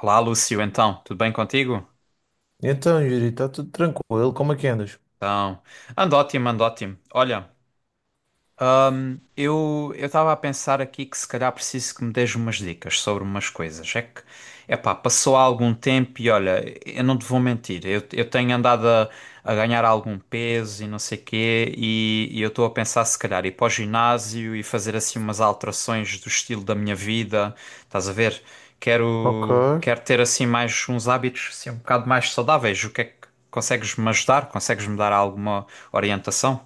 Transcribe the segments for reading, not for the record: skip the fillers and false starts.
Olá, Lúcio, então, tudo bem contigo? Então, Yuri, está tudo tranquilo? Como é que andas? Então, ando ótimo, ando ótimo. Olha, eu estava a pensar aqui que se calhar preciso que me des umas dicas sobre umas coisas. É que, epá, passou há algum tempo e olha, eu não te vou mentir, eu tenho andado a ganhar algum peso e não sei quê, e eu estou a pensar se calhar ir para o ginásio e fazer assim umas alterações do estilo da minha vida. Estás a ver? Ok, Quero ter assim mais uns hábitos assim, um bocado mais saudáveis. O que é que consegues me ajudar? Consegues me dar alguma orientação?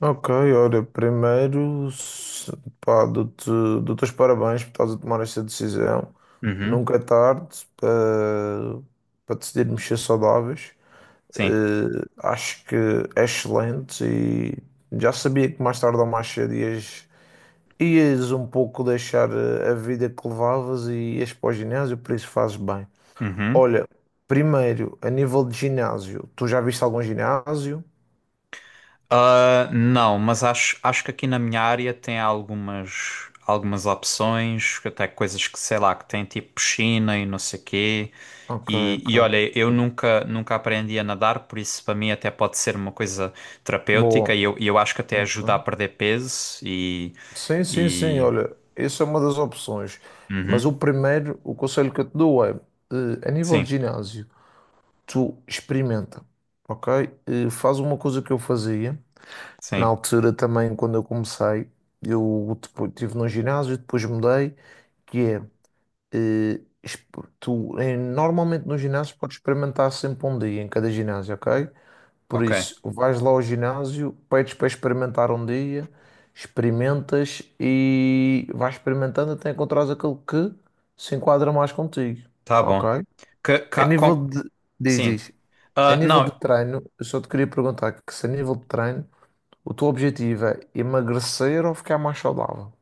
ok, olha, primeiro, pá, dou-te os parabéns por estás a tomar esta decisão. Uhum, Nunca é tarde para decidir mexer saudáveis. sim. Acho que é excelente e já sabia que mais tarde ou mais cedo ias um pouco deixar a vida que levavas e ias para o ginásio, por isso fazes bem. Uhum. Olha, primeiro, a nível de ginásio, tu já viste algum ginásio? Ah, não, mas acho que aqui na minha área tem algumas opções, até coisas que, sei lá, que tem tipo piscina e não sei quê. Ok, E ok. olha, eu nunca aprendi a nadar, por isso para mim até pode ser uma coisa terapêutica e Boa. eu acho que até ajuda a Ok. perder peso e, Sim, sim, sim, e... olha, essa é uma das opções. Mas Uhum. o primeiro, o conselho que eu te dou é, a nível de Sim, ginásio, tu experimenta, ok? Faz uma coisa que eu fazia, na sim, altura também, quando eu comecei, eu depois estive num ginásio, depois mudei, que é, tu, normalmente nos ginásios podes experimentar sempre um dia em cada ginásio, ok? Por ok, isso, vais lá ao ginásio, pedes para experimentar um dia, experimentas e vais experimentando até encontrares aquele que se enquadra mais contigo, tá bom. ok? Que, A ca- nível com- de, diz, Sim. diz, a Ah, nível de não. treino, eu só te queria perguntar que se a nível de treino, o teu objetivo é emagrecer ou ficar mais saudável?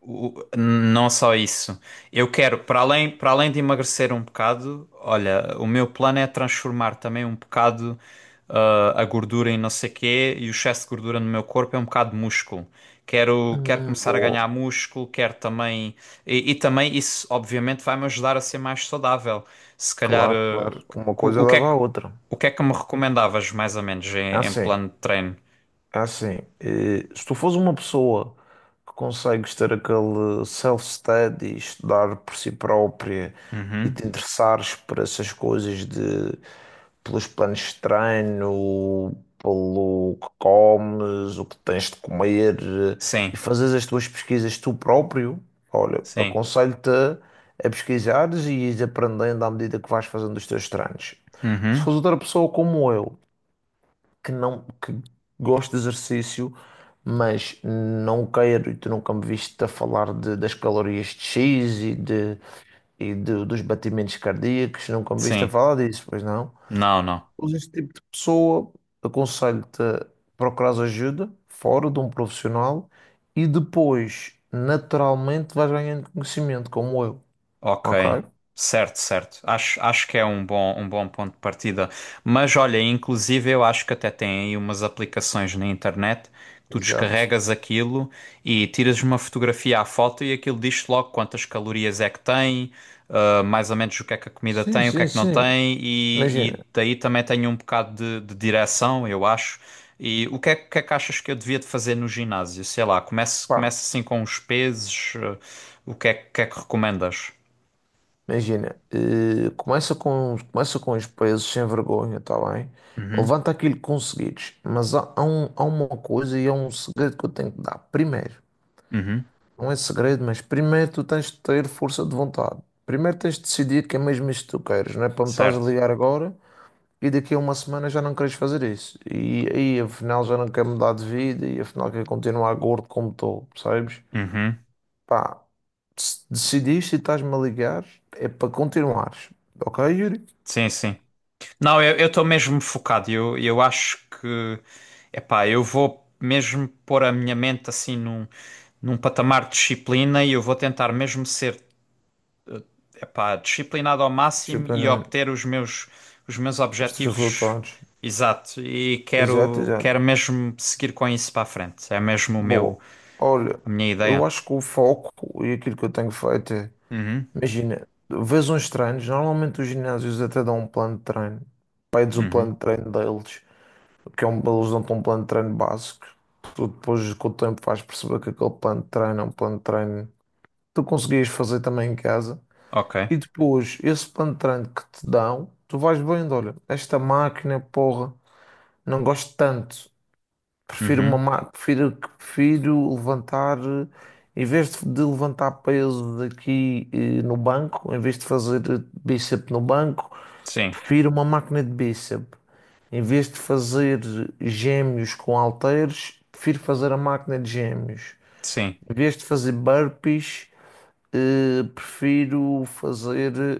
Não só isso. Eu quero, para além de emagrecer um bocado, olha, o meu plano é transformar também um bocado a gordura em não sei quê e o excesso de gordura no meu corpo é um bocado de músculo. Quero começar a Boa, ganhar músculo, quero também. E também isso, obviamente, vai-me ajudar a ser mais saudável. Se calhar, claro, claro. Uma co- coisa o que é leva à que, outra. o que é que me recomendavas, mais ou menos, em, É em Assim, plano de treino? É assim, se tu fores uma pessoa que consegues ter aquele self-study, estudar por si própria e Uhum. te interessares por essas coisas de pelos planos de treino, pelo que comes, o que tens de comer. E Sim, fazes as tuas pesquisas tu próprio, olha, sim. aconselho-te a pesquisares e ires aprendendo à medida que vais fazendo os teus treinos. Se Uhum. fores outra pessoa como eu, que não que gosto de exercício, mas não quero, e tu nunca me viste a falar das calorias de X e dos batimentos cardíacos, nunca me viste a Sim. falar disso, pois não? Não, não. Pois este tipo de pessoa, aconselho-te a procurar ajuda fora de um profissional e depois, naturalmente, vais ganhando conhecimento, como eu, Ok, ok? certo, certo. Acho que é um bom ponto de partida. Mas olha, inclusive eu acho que até tem aí umas aplicações na internet que tu Exato. descarregas aquilo e tiras uma fotografia à foto e aquilo diz-te logo quantas calorias é que tem, mais ou menos o que é que a comida Sim, tem, o que é sim, que não sim. tem, e Imagina, daí também tem um bocado de direção, eu acho. E o que é que achas que eu devia de fazer no ginásio? Sei lá, começo, pá. começo assim com os pesos, ah, o que é, que é que recomendas? Imagina, começa com os pesos sem vergonha, tá bem? Uhum, Levanta aquilo que conseguires, mas há uma coisa e há um segredo que eu tenho que dar. Primeiro, uhum, não é segredo, mas primeiro tu tens de ter força de vontade. Primeiro tens de decidir que é mesmo isto que tu queres, não é para me estás a certo. ligar agora e daqui a uma semana já não queres fazer isso. E aí afinal já não quero mudar de vida e afinal quero continuar gordo como estou, percebes? Uhum, Pá, se decidiste e estás-me a ligar, é para continuares. Ok, Yuri? sim, sim. Não, eu estou mesmo focado. Eu acho que, epá, eu vou mesmo pôr a minha mente assim num, num patamar de disciplina e eu vou tentar mesmo ser, epá, disciplinado ao máximo Tipo, e né, obter os meus os teus objetivos. resultados. Exato. E Exato, quero, exato. quero mesmo seguir com isso para a frente. É mesmo o meu, Bom, olha, a minha eu ideia. acho que o foco e aquilo que eu tenho feito é, Uhum, imagina, vês uns treinos, normalmente os ginásios até dão um plano de treino, pedes o uhum, plano de treino deles, que é um, eles dão-te um plano de treino básico, tu depois com o tempo vais perceber que aquele plano de treino é um plano de treino que tu conseguias fazer também em casa, ok. e depois esse plano de treino que te dão, tu vais vendo, olha, esta máquina, porra, não gosto tanto. Uhum, Prefiro, prefiro levantar, em vez de levantar peso daqui, no banco, em vez de fazer bíceps no banco, sim, prefiro uma máquina de bíceps. Em vez de fazer gêmeos com halteres, prefiro fazer a máquina de gêmeos. sim, Em vez de fazer burpees, prefiro fazer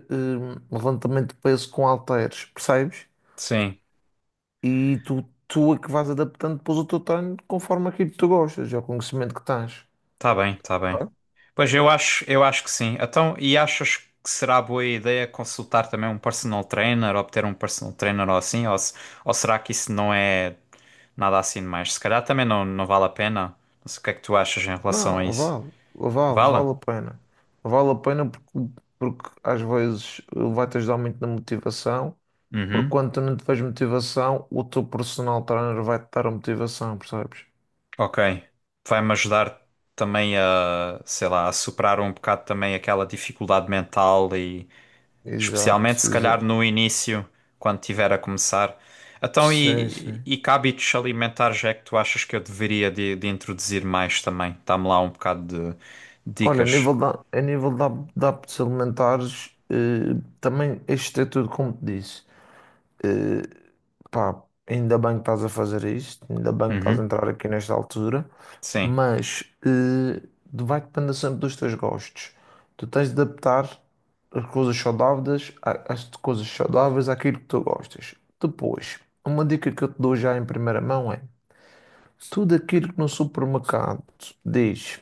levantamento de peso com halteres, percebes? sim. E tu, tu é que vais adaptando depois o teu treino conforme aquilo que tu gostas, é o conhecimento que tens. Tá bem, tá bem. Claro. Pois eu acho que sim. Então, e achas que será boa ideia consultar também um personal trainer, obter um personal trainer ou assim, ou será que isso não é nada assim demais? Se calhar também não, não vale a pena. Não sei o que é que tu achas em Não, relação a isso. vale, vale, Vale? vale a pena. Vale a pena porque, porque às vezes vai-te ajudar muito na motivação, porque Uhum. quando tu não tiveres motivação, o teu personal trainer vai-te dar a motivação, percebes? Ok. Vai-me ajudar também a, sei lá, a superar um bocado também aquela dificuldade mental e especialmente Exato, se calhar exato. no início, quando tiver a começar. Então, Sim, e, sim. e que hábitos alimentares é que tu achas que eu deveria de introduzir mais também? Dá-me lá um bocado de Olha, dicas. A nível da, da hábitos alimentares, também este é tudo como te disse. Eh, Pá, ainda bem que estás a fazer isto, ainda bem que estás a Uhum. entrar aqui nesta altura, Sim, mas vai depender sempre dos teus gostos. Tu tens de adaptar as coisas as coisas saudáveis àquilo que tu gostas. Depois, uma dica que eu te dou já em primeira mão é: tudo aquilo que no supermercado diz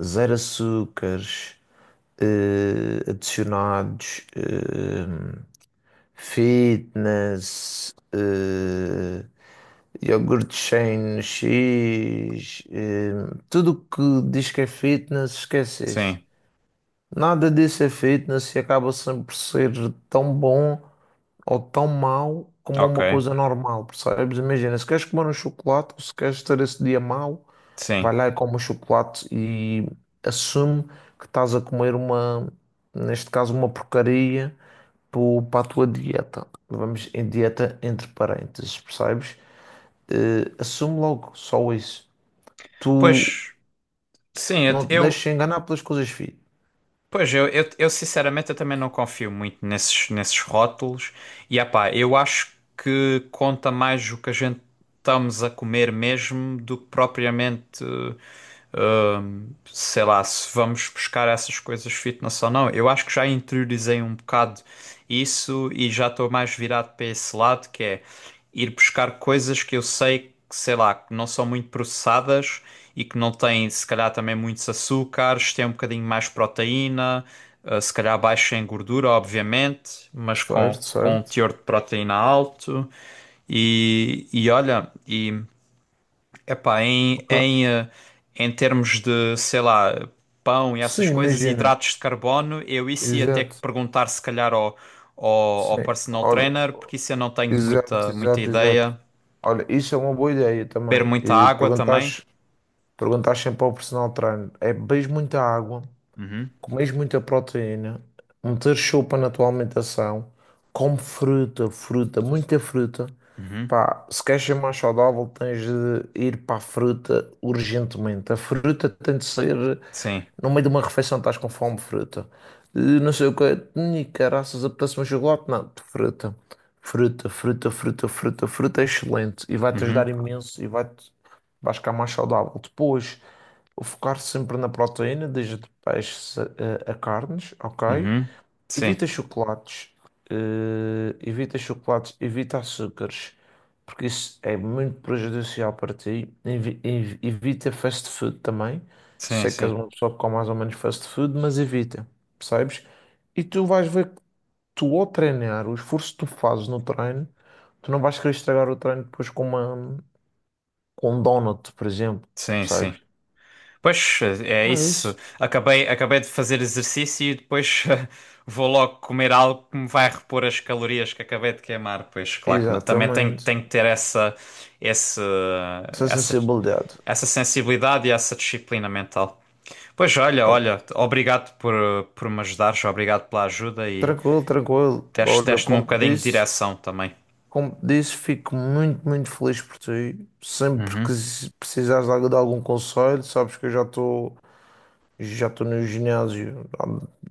zero açúcares, adicionados. Fitness, iogurte Shane X, tudo que diz que é fitness, esquece isso. sim, Nada disso é fitness e acaba sempre por ser tão bom ou tão mau como ok, uma coisa normal, percebes? Imagina, se queres comer um chocolate, ou se queres ter esse dia mau, vai sim. lá e come o chocolate e assume que estás a comer uma, neste caso, uma porcaria para a tua dieta. Vamos em dieta entre parênteses, percebes? Assume logo só isso. Tu Pois, sim, não te deixes enganar pelas coisas fit. Eu sinceramente eu também não confio muito nesses rótulos. E epá, eu acho que conta mais o que a gente estamos a comer mesmo do que propriamente. Sei lá, se vamos buscar essas coisas fitness ou não. Eu acho que já interiorizei um bocado isso e já estou mais virado para esse lado, que é ir buscar coisas que eu sei que, sei lá, que não são muito processadas e que não têm, se calhar, também muitos açúcares, têm um bocadinho mais proteína, se calhar baixa em gordura, obviamente, mas Certo, com um certo. teor de proteína alto. E olha, e Epá, em, Ok. em, eh, em termos de, sei lá, pão e essas Sim, coisas, imagina. hidratos de carbono, eu isso ia ter que Exato. perguntar se calhar ao Sim. personal Olha, trainer, porque isso eu não tenho exato, muita exato, exato. ideia. Olha, isso é uma boa ideia Beber também. muita E água também. perguntares, perguntares sempre ao personal trainer, é, bebes muita água? Uhum, Comes muita proteína, meter sopa na tua alimentação, come fruta, fruta, muita fruta. uhum, Pá, se queres ser mais saudável, tens de ir para a fruta urgentemente. A fruta tem de ser sim, no meio de uma refeição, estás com fome, fruta. Não sei o que, ni caraças, apetece um chocolate? Não, fruta. Fruta, fruta, fruta, fruta, fruta é excelente e vai-te ajudar uhum, imenso e vais ficar mais saudável. Depois. Focar sempre na proteína, desde de peixes a carnes, ok? uhum, sim, Evita chocolates, evita chocolates, evita açúcares, porque isso é muito prejudicial para ti. Evita fast food também. sim, Sei que és sim, uma pessoa que come mais ou menos fast food, mas evita, percebes? E tu vais ver que tu ao treinar, o esforço que tu fazes no treino, tu não vais querer estragar o treino depois com uma, com um donut, por exemplo, sim, sim. percebes? Pois é Ah, isso. isso. Acabei de fazer exercício e depois vou logo comer algo que me vai repor as calorias que acabei de queimar. Pois claro que não. Também tenho, Exatamente. tenho que ter essa, esse, Essa essa, sensibilidade. essa sensibilidade e essa disciplina mental. Pois olha, Ó, olha, obrigado por me ajudares, obrigado pela ajuda e tranquilo, tranquilo. deste, Olha, deste-me um bocadinho de direção também. como te disse, fico muito, muito feliz por ti. Sempre que Uhum, se precisares de de algum conselho, sabes que eu já estou no ginásio há,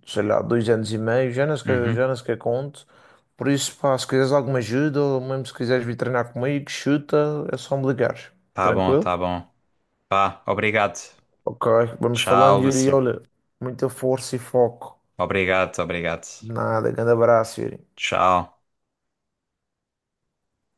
sei lá, 2 anos e meio, já uhum. nem sequer conto. Por isso, pá, se quiseres alguma ajuda, ou mesmo se quiseres vir treinar comigo, chuta, é só me ligares. Tá bom, Tranquilo? tá bom. Pá, obrigado. Ok, vamos Tchau, falando, Yuri. Lúcio. Olha, muita força e foco. Obrigado, obrigado. Nada, grande abraço, Yuri. Tchau.